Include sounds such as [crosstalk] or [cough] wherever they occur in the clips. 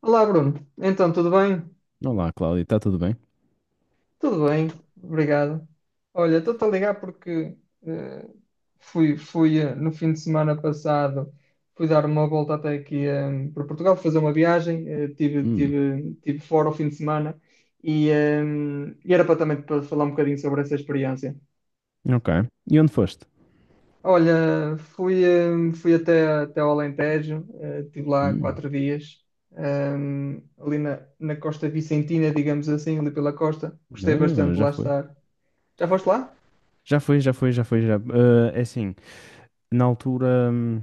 Olá, Bruno. Então, tudo bem? Olá, Cláudia, está tudo bem? Tudo bem, obrigado. Olha, estou-te a ligar porque eh, fui, no fim de semana passado, fui dar uma volta até aqui para Portugal, fazer uma viagem. Hum. Tive fora o fim de semana e, eh, e era para também para falar um bocadinho sobre essa experiência. Ok. E onde foste? Olha, fui até ao Alentejo, estive lá Hum, 4 dias, ali na Costa Vicentina, digamos assim, ali pela costa. Gostei bastante não, de já lá foi. estar. Já foste lá? Já foi, já foi, já foi, já. Ah, é assim, na altura.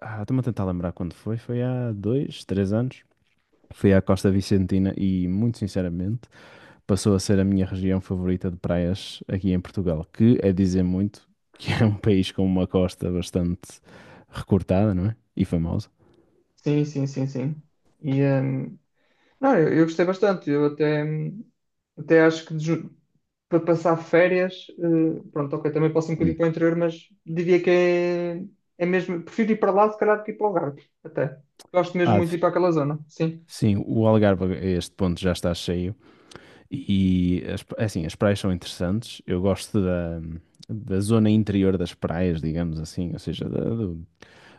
Ah, estou-me a tentar lembrar quando foi. Foi há dois, três anos. Fui à Costa Vicentina e, muito sinceramente, passou a ser a minha região favorita de praias aqui em Portugal, que é dizer muito que é um [laughs] país com uma costa bastante recortada, não é? E famosa. Sim, sim, sim, sim. E, hum, Não, eu gostei bastante. Até acho que para passar férias, pronto, ok, também posso ir um bocadinho Hum. para o interior, mas diria que é mesmo. Prefiro ir para lá, se calhar, do que ir para o Algarve. Até. Gosto mesmo Ah, muito de ir para aquela zona. Sim. sim, o Algarve a este ponto já está cheio. E as, é assim, as praias são interessantes. Eu gosto da, da zona interior das praias, digamos assim, ou seja, da- do-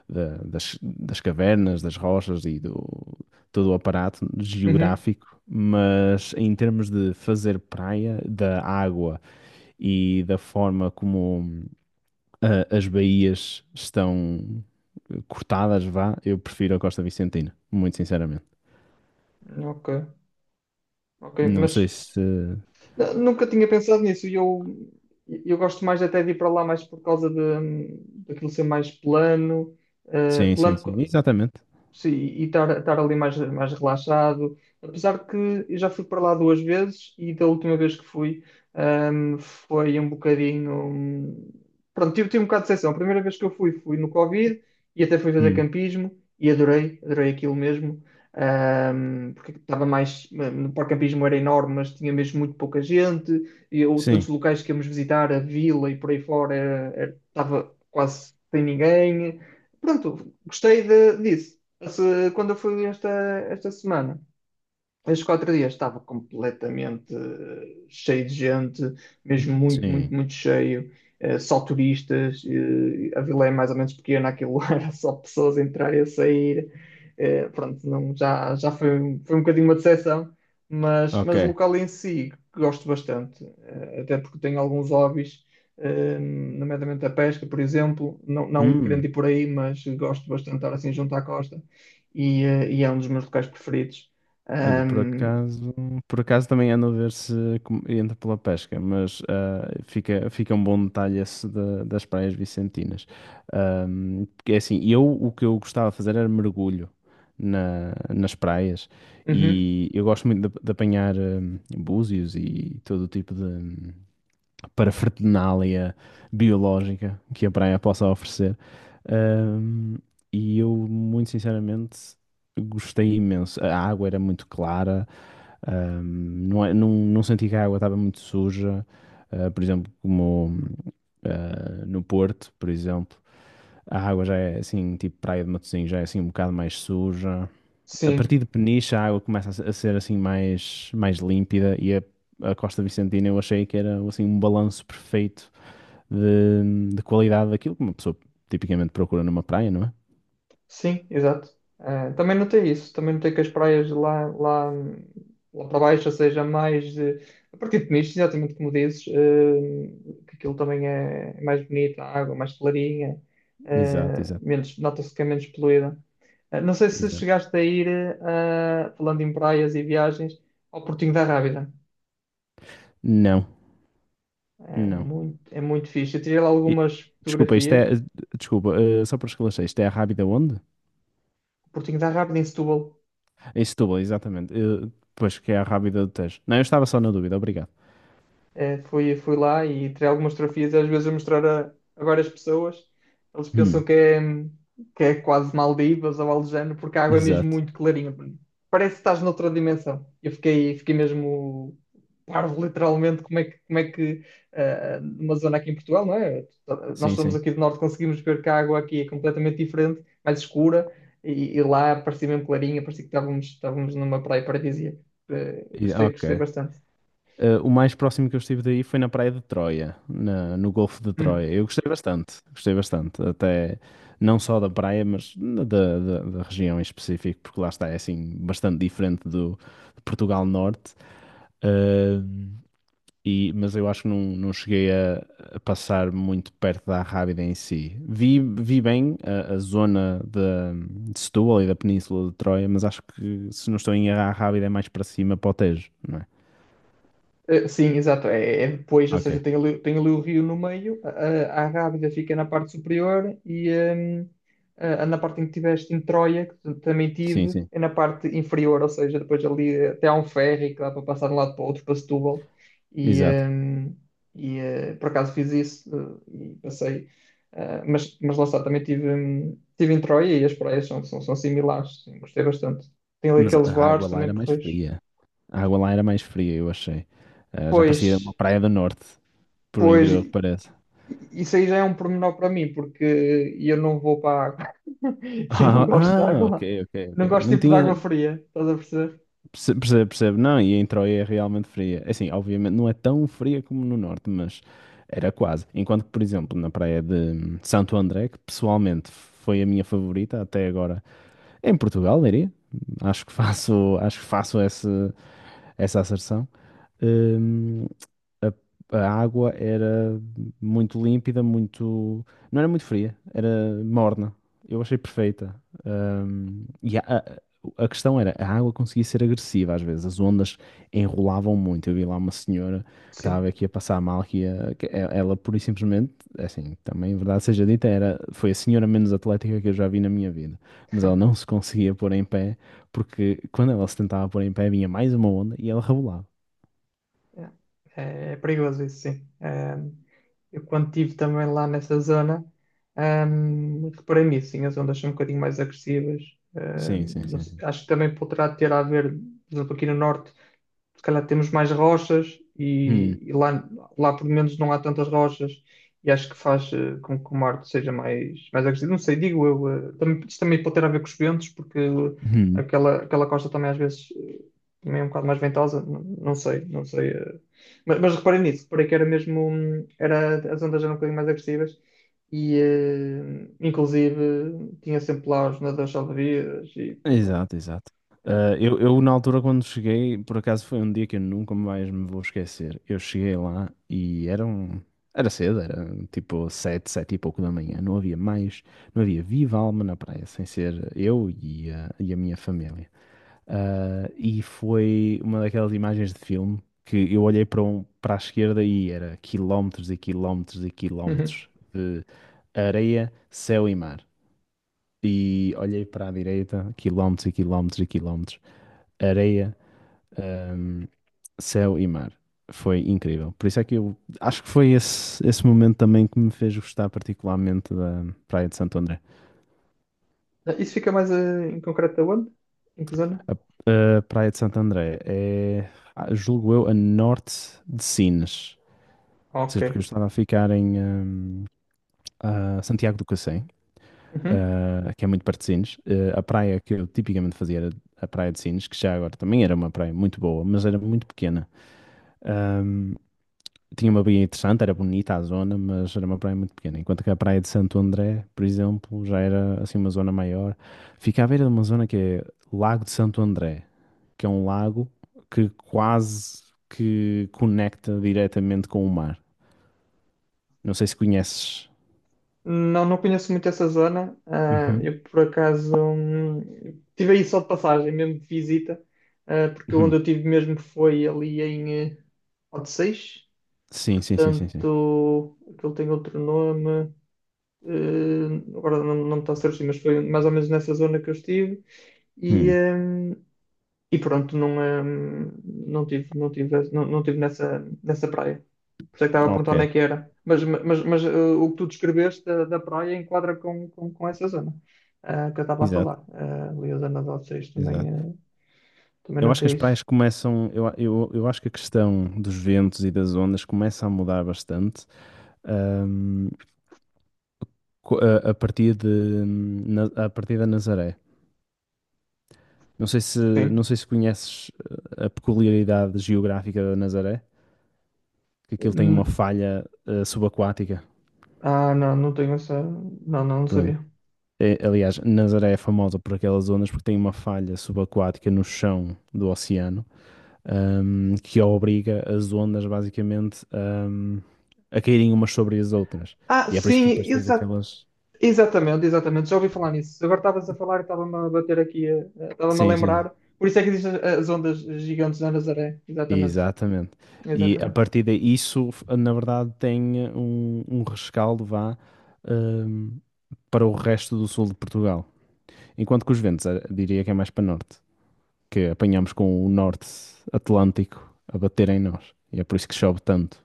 da- das cavernas, das rochas e do todo o aparato Uhum. geográfico. Mas em termos de fazer praia, da água e da forma como as baías estão cortadas, vá, eu prefiro a Costa Vicentina, muito sinceramente. Ok, ok, Não sei mas se. Nunca tinha pensado nisso. Eu gosto mais até de ir para lá mais por causa de daquilo ser mais plano, Sim, sim, plano, sim, exatamente. sim, e estar ali mais, mais relaxado. Apesar de que eu já fui para lá 2 vezes e da última vez que fui, foi um bocadinho. Pronto, tive um bocado de decepção. A primeira vez que eu fui, fui no Covid e até fui fazer Hum, campismo e adorei, adorei aquilo mesmo. Porque estava mais. No parque campismo era enorme, mas tinha mesmo muito pouca gente. E eu, todos sim. os locais que íamos visitar, a vila e por aí fora, estava quase sem ninguém. Pronto, gostei disso. Quando eu fui esta semana, estes 4 dias estava completamente cheio de gente, mesmo muito, Sim, muito, muito cheio, só turistas. A vila é mais ou menos pequena, aquilo [laughs] era só pessoas a entrar e a sair. Não, já, já foi, foi um bocadinho uma decepção, ok. mas o local em si gosto bastante, até porque tenho alguns hobbies, nomeadamente a pesca, por exemplo. Não, não querendo Hum, ir por aí, mas gosto bastante de estar assim junto à costa e e é um dos meus locais preferidos. Olha, Ahm, por acaso também ando a ver se entra pela pesca, mas fica, fica um bom detalhe esse das praias vicentinas. Porque é assim, eu o que eu gostava de fazer era mergulho nas praias Uhum. e eu gosto muito de apanhar búzios e todo o tipo de, para fertinália biológica que a praia possa oferecer. Ahm, e eu, muito sinceramente, gostei imenso. A água era muito clara, ahm, não, não, não senti que a água estava muito suja, por exemplo, como no Porto, por exemplo. A água já é assim, tipo praia de Matosinhos, já é assim um bocado mais suja. A Sim, partir de Peniche a água começa a a ser assim mais, mais límpida e a Costa Vicentina eu achei que era assim um balanço perfeito de qualidade daquilo que uma pessoa tipicamente procura numa praia, não é? sim, exato. Ah, também notei isso, também notei que as praias lá, lá, lá para baixo, ou seja, mais de, a partir de nicho, exatamente como dizes, ah, que aquilo também é mais bonito, a água mais clarinha, Exato, ah, exato, menos, nota-se que é menos poluída. Ah, não sei se exato. chegaste a ir, ah, falando em praias e viagens, ao Portinho da Rábida. Não, não. É muito fixe. Eu tirei lá E- algumas Desculpa, isto é. fotografias. Desculpa, só para esclarecer, isto é a Rábida onde? O Portinho da Rábida em Setúbal. Em Setúbal, exatamente. Pois que é a Rábida do Tejo. Não, eu estava só na dúvida, obrigado. Eh, fui, fui lá e tirei algumas fotografias, às vezes a mostrar a várias pessoas. Eles pensam Hum, que que é quase Maldivas ou algo do género, porque a água é mesmo exato. muito clarinha. Parece que estás noutra dimensão. Eu fiquei, fiquei mesmo parvo, literalmente, como é que numa zona aqui em Portugal, não é? Nós Sim, somos sim. aqui do norte, conseguimos ver que a água aqui é completamente diferente, mais escura, e lá parecia mesmo clarinha, parecia que estávamos, estávamos numa praia paradisíaca. Eh, gostei, gostei Ok. bastante. O mais próximo que eu estive daí foi na Praia de Troia, no Golfo de Uhum. Troia. Eu gostei bastante, gostei bastante. Até não só da praia, mas da, da região em específico, porque lá está, é assim, bastante diferente do de Portugal Norte. Eh, mas eu acho que não, não cheguei a passar muito perto da Arrábida em si. Vi, vi bem a zona de, Setúbal e da Península de Troia, mas acho que, se não estou em erro, a Arrábida é mais para cima, para o Tejo, não é? Eh, sim, exato. É, é depois, ou Ok. seja, tem ali o rio no meio, a Rábida fica na parte superior. Na parte em que tiveste em Troia, que também Sim, tive, sim. é na parte inferior, ou seja, depois ali até há um ferry que dá para passar de um lado para o outro, para Setúbal. E, Exato. hum, e por acaso fiz isso e passei. Ah, mas lá está, tive em Troia e as praias são, são, são similares, sim, gostei bastante. Tem ali Mas aqueles a bares água lá também era mais porreiros. fria. A água lá era mais fria, eu achei. Ah, já Pois, parecia uma praia do norte, por um pois, incrível que pareça. [laughs] isso aí já é um pormenor para mim, porque eu não vou para a água. [laughs] Eu não Ah, gosto de ah, ok, água. ok, ok. Não gosto Não tipo de tinha. água fria, estás a perceber? Percebo, percebo. Não, e em Troia é realmente fria. É assim, obviamente não é tão fria como no norte, mas era quase. Enquanto que, por exemplo, na praia de Santo André, que pessoalmente foi a minha favorita até agora em Portugal, diria. Acho que faço essa, essa asserção. Hum, a, a água era muito límpida, muito. Não era muito fria, era morna. Eu achei perfeita. E a, a questão era, a água conseguia ser agressiva às vezes, as ondas enrolavam muito. Eu vi lá uma senhora que estava Sim. aqui a passar mal, que, ia, que ela pura e simplesmente, é assim, também, é verdade seja dita, era, foi a senhora menos atlética que eu já vi na minha vida. Mas ela não [laughs] se conseguia pôr em pé, porque quando ela se tentava pôr em pé, vinha mais uma onda e ela rebolava. Yeah. É, é perigoso isso, sim. É, eu quando estive também lá nessa zona, reparei nisso, sim, as ondas são um bocadinho mais agressivas. Sim, sim, Não sei, sim, acho que também poderá ter a ver, por exemplo, aqui no norte. Se calhar temos mais rochas sim. e, e lá, lá pelo menos não há tantas rochas e acho que faz com que o Marte seja mais, mais agressivo. Não sei, digo eu, também, isto também pode ter a ver com os ventos, porque Uhum. aquela, aquela costa também às vezes também é um bocado mais ventosa, não, não sei, não sei. Eh. Mas reparei nisso, reparei que era mesmo, as ondas eram um bocadinho mais agressivas e inclusive tinha sempre lá os nadadores salva-vidas e por aí fora. Exato, exato. Yeah. Ah, na altura, quando cheguei, por acaso foi um dia que eu nunca mais me vou esquecer. Eu cheguei lá e era cedo, era tipo sete, sete e pouco da manhã. Não havia mais, não havia viva alma na praia, sem ser eu e a minha família. Ah, e foi uma daquelas imagens de filme que eu olhei para, um, para a esquerda e era quilómetros e quilómetros e [laughs] quilómetros de areia, céu e mar. E olhei para a direita, quilómetros e quilómetros e quilómetros, areia, ahm, céu e mar. Foi incrível. Por isso é que eu acho que foi esse, esse momento também que me fez gostar particularmente da Praia de Santo André. Eh, isso fica mais em concreto aonde? Em que zona? A Praia de Santo André é, julgo eu, a norte de Sines. Ah, Ou seja, porque eu ok. estava a ficar em a Santiago do Cacém. Uhum. Que é muito perto de Sines. A praia que eu tipicamente fazia era a praia de Sines, que já agora também era uma praia muito boa, mas era muito pequena. Ahm, Tinha uma baía interessante, era bonita a zona, mas era uma praia muito pequena. Enquanto que a praia de Santo André, por exemplo, já era assim uma zona maior. Fica à beira de uma zona que é Lago de Santo André, que é um lago que quase que conecta diretamente com o mar. Não sei se conheces. Não, não conheço muito essa zona. Ah, Uhum. eu, por acaso, tive aí só de passagem, mesmo de visita, ah, porque onde Uhum. eu tive mesmo foi ali em Odeceixe. Sim, sim, sim, sim, sim. Portanto, aquilo tem outro nome. eh, Agora não, não me está a surgir, mas foi mais ou menos nessa zona que eu estive. E, Hum, hum, e pronto, não, não tive, não tive, não, não tive nessa, nessa praia. Por isso é que estava a ok, perguntar onde é que era. Mas o que tu descreveste da praia enquadra com essa zona que eu estava a exato, falar. Eh, ali a zona de vocês também, exato. Também Eu acho que as notei isso. praias começam, eu acho que a questão dos ventos e das ondas começa a mudar bastante, ahm, a partir de, a partir da Nazaré. Sim. Não sei se conheces a peculiaridade geográfica da Nazaré, que aquilo tem uma Hum, falha, subaquática. ah, não, não tenho essa. Não, não, não Pronto. sabia. Aliás, Nazaré é famosa por aquelas ondas porque tem uma falha subaquática no chão do oceano, que obriga as ondas basicamente a caírem umas sobre as outras. Ah, E é por isso que sim, depois tens aquelas. exatamente, exatamente. Já ouvi falar nisso. Agora estavas a falar e estava-me a bater aqui, estava-me a Sim, sim, lembrar. Por isso é que existem as ondas gigantes na Nazaré. Exatamente, exatamente. E a exatamente. partir daí, na verdade tem um, um rescaldo vá, ahm, para o resto do sul de Portugal. Enquanto que os ventos, diria que é mais para norte, que apanhamos com o norte atlântico a bater em nós. E é por isso que chove tanto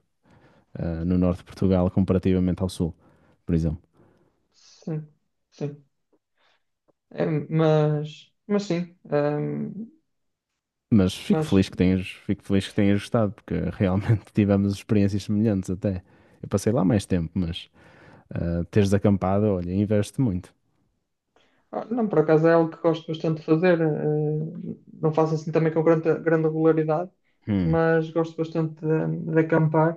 no norte de Portugal comparativamente ao sul, por exemplo. Sim, sim. É, mas sim. Mas fico Mas, feliz que tenhas, fico feliz que tenhas gostado, porque realmente [laughs] tivemos experiências semelhantes até. Eu passei lá mais tempo, mas teres acampado, olha, investe muito. ah, não, por acaso é algo que gosto bastante de fazer. Não faço assim também com grande regularidade, Hum, mas gosto bastante de acampar.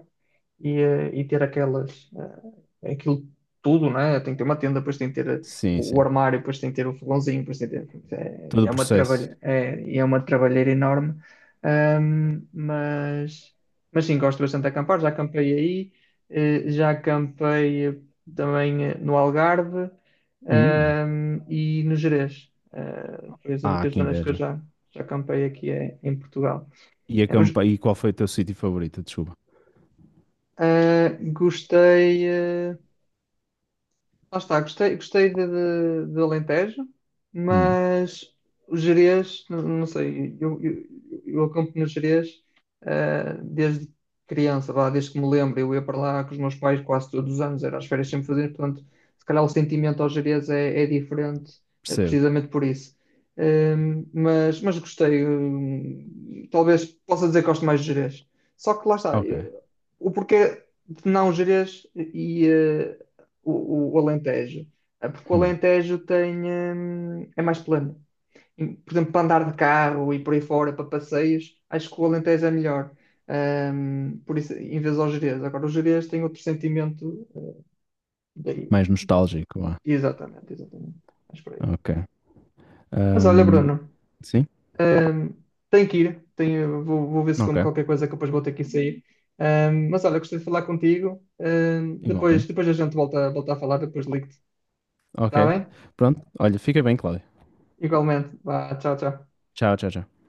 E e ter aquelas, aquilo tudo, né? Tem que ter uma tenda, depois tem que ter sim, o sim. armário, depois tem que ter o fogãozinho, depois tem que ter. Todo o processo. É, é uma trabalheira enorme. Ahm, mas, mas sim, gosto bastante de acampar. Já acampei aí, já acampei também no Algarve, Hum, e no Gerês. Ah, foi as ah, únicas que zonas que eu inveja. já, já acampei aqui em Portugal. E, Eh, os- acampa e qual foi o teu sítio favorito? Desculpa. Gostei. Lá está, gostei, gostei de Alentejo, Hum, mas o Gerês, não, não sei, eu acampo no Gerês desde criança, vá, desde que me lembro, eu ia para lá com os meus pais quase todos os anos, era as férias sempre fazer, portanto, se calhar o sentimento ao Gerês é diferente, percebo. precisamente por isso. Mas gostei, talvez possa dizer que gosto mais de Gerês. Só que lá está, Ok. O porquê de não Gerês e o Alentejo. Eh, porque o Hum, Alentejo tem, é mais plano. E, por exemplo, para andar de carro e por aí fora, para passeios, acho que o Alentejo é melhor. Por isso, em vez aos Gerês. Agora, os Gerês têm outro sentimento daí. Mais nostálgico lá. Exatamente, exatamente. Mas por aí. Ok. Mas olha, Ahm, Bruno, sim, hum, tenho que ir. Tenho, vou, vou ver se ok. como qualquer coisa que depois vou ter que sair. Mas olha, gostei de falar contigo. Depois, Igualmente. depois a gente volta, volta a falar, depois ligo-te. Ok. Está bem? Pronto. Olha, fica bem, Cláudio. Igualmente. Vá, tchau, tchau. Tchau, tchau, tchau.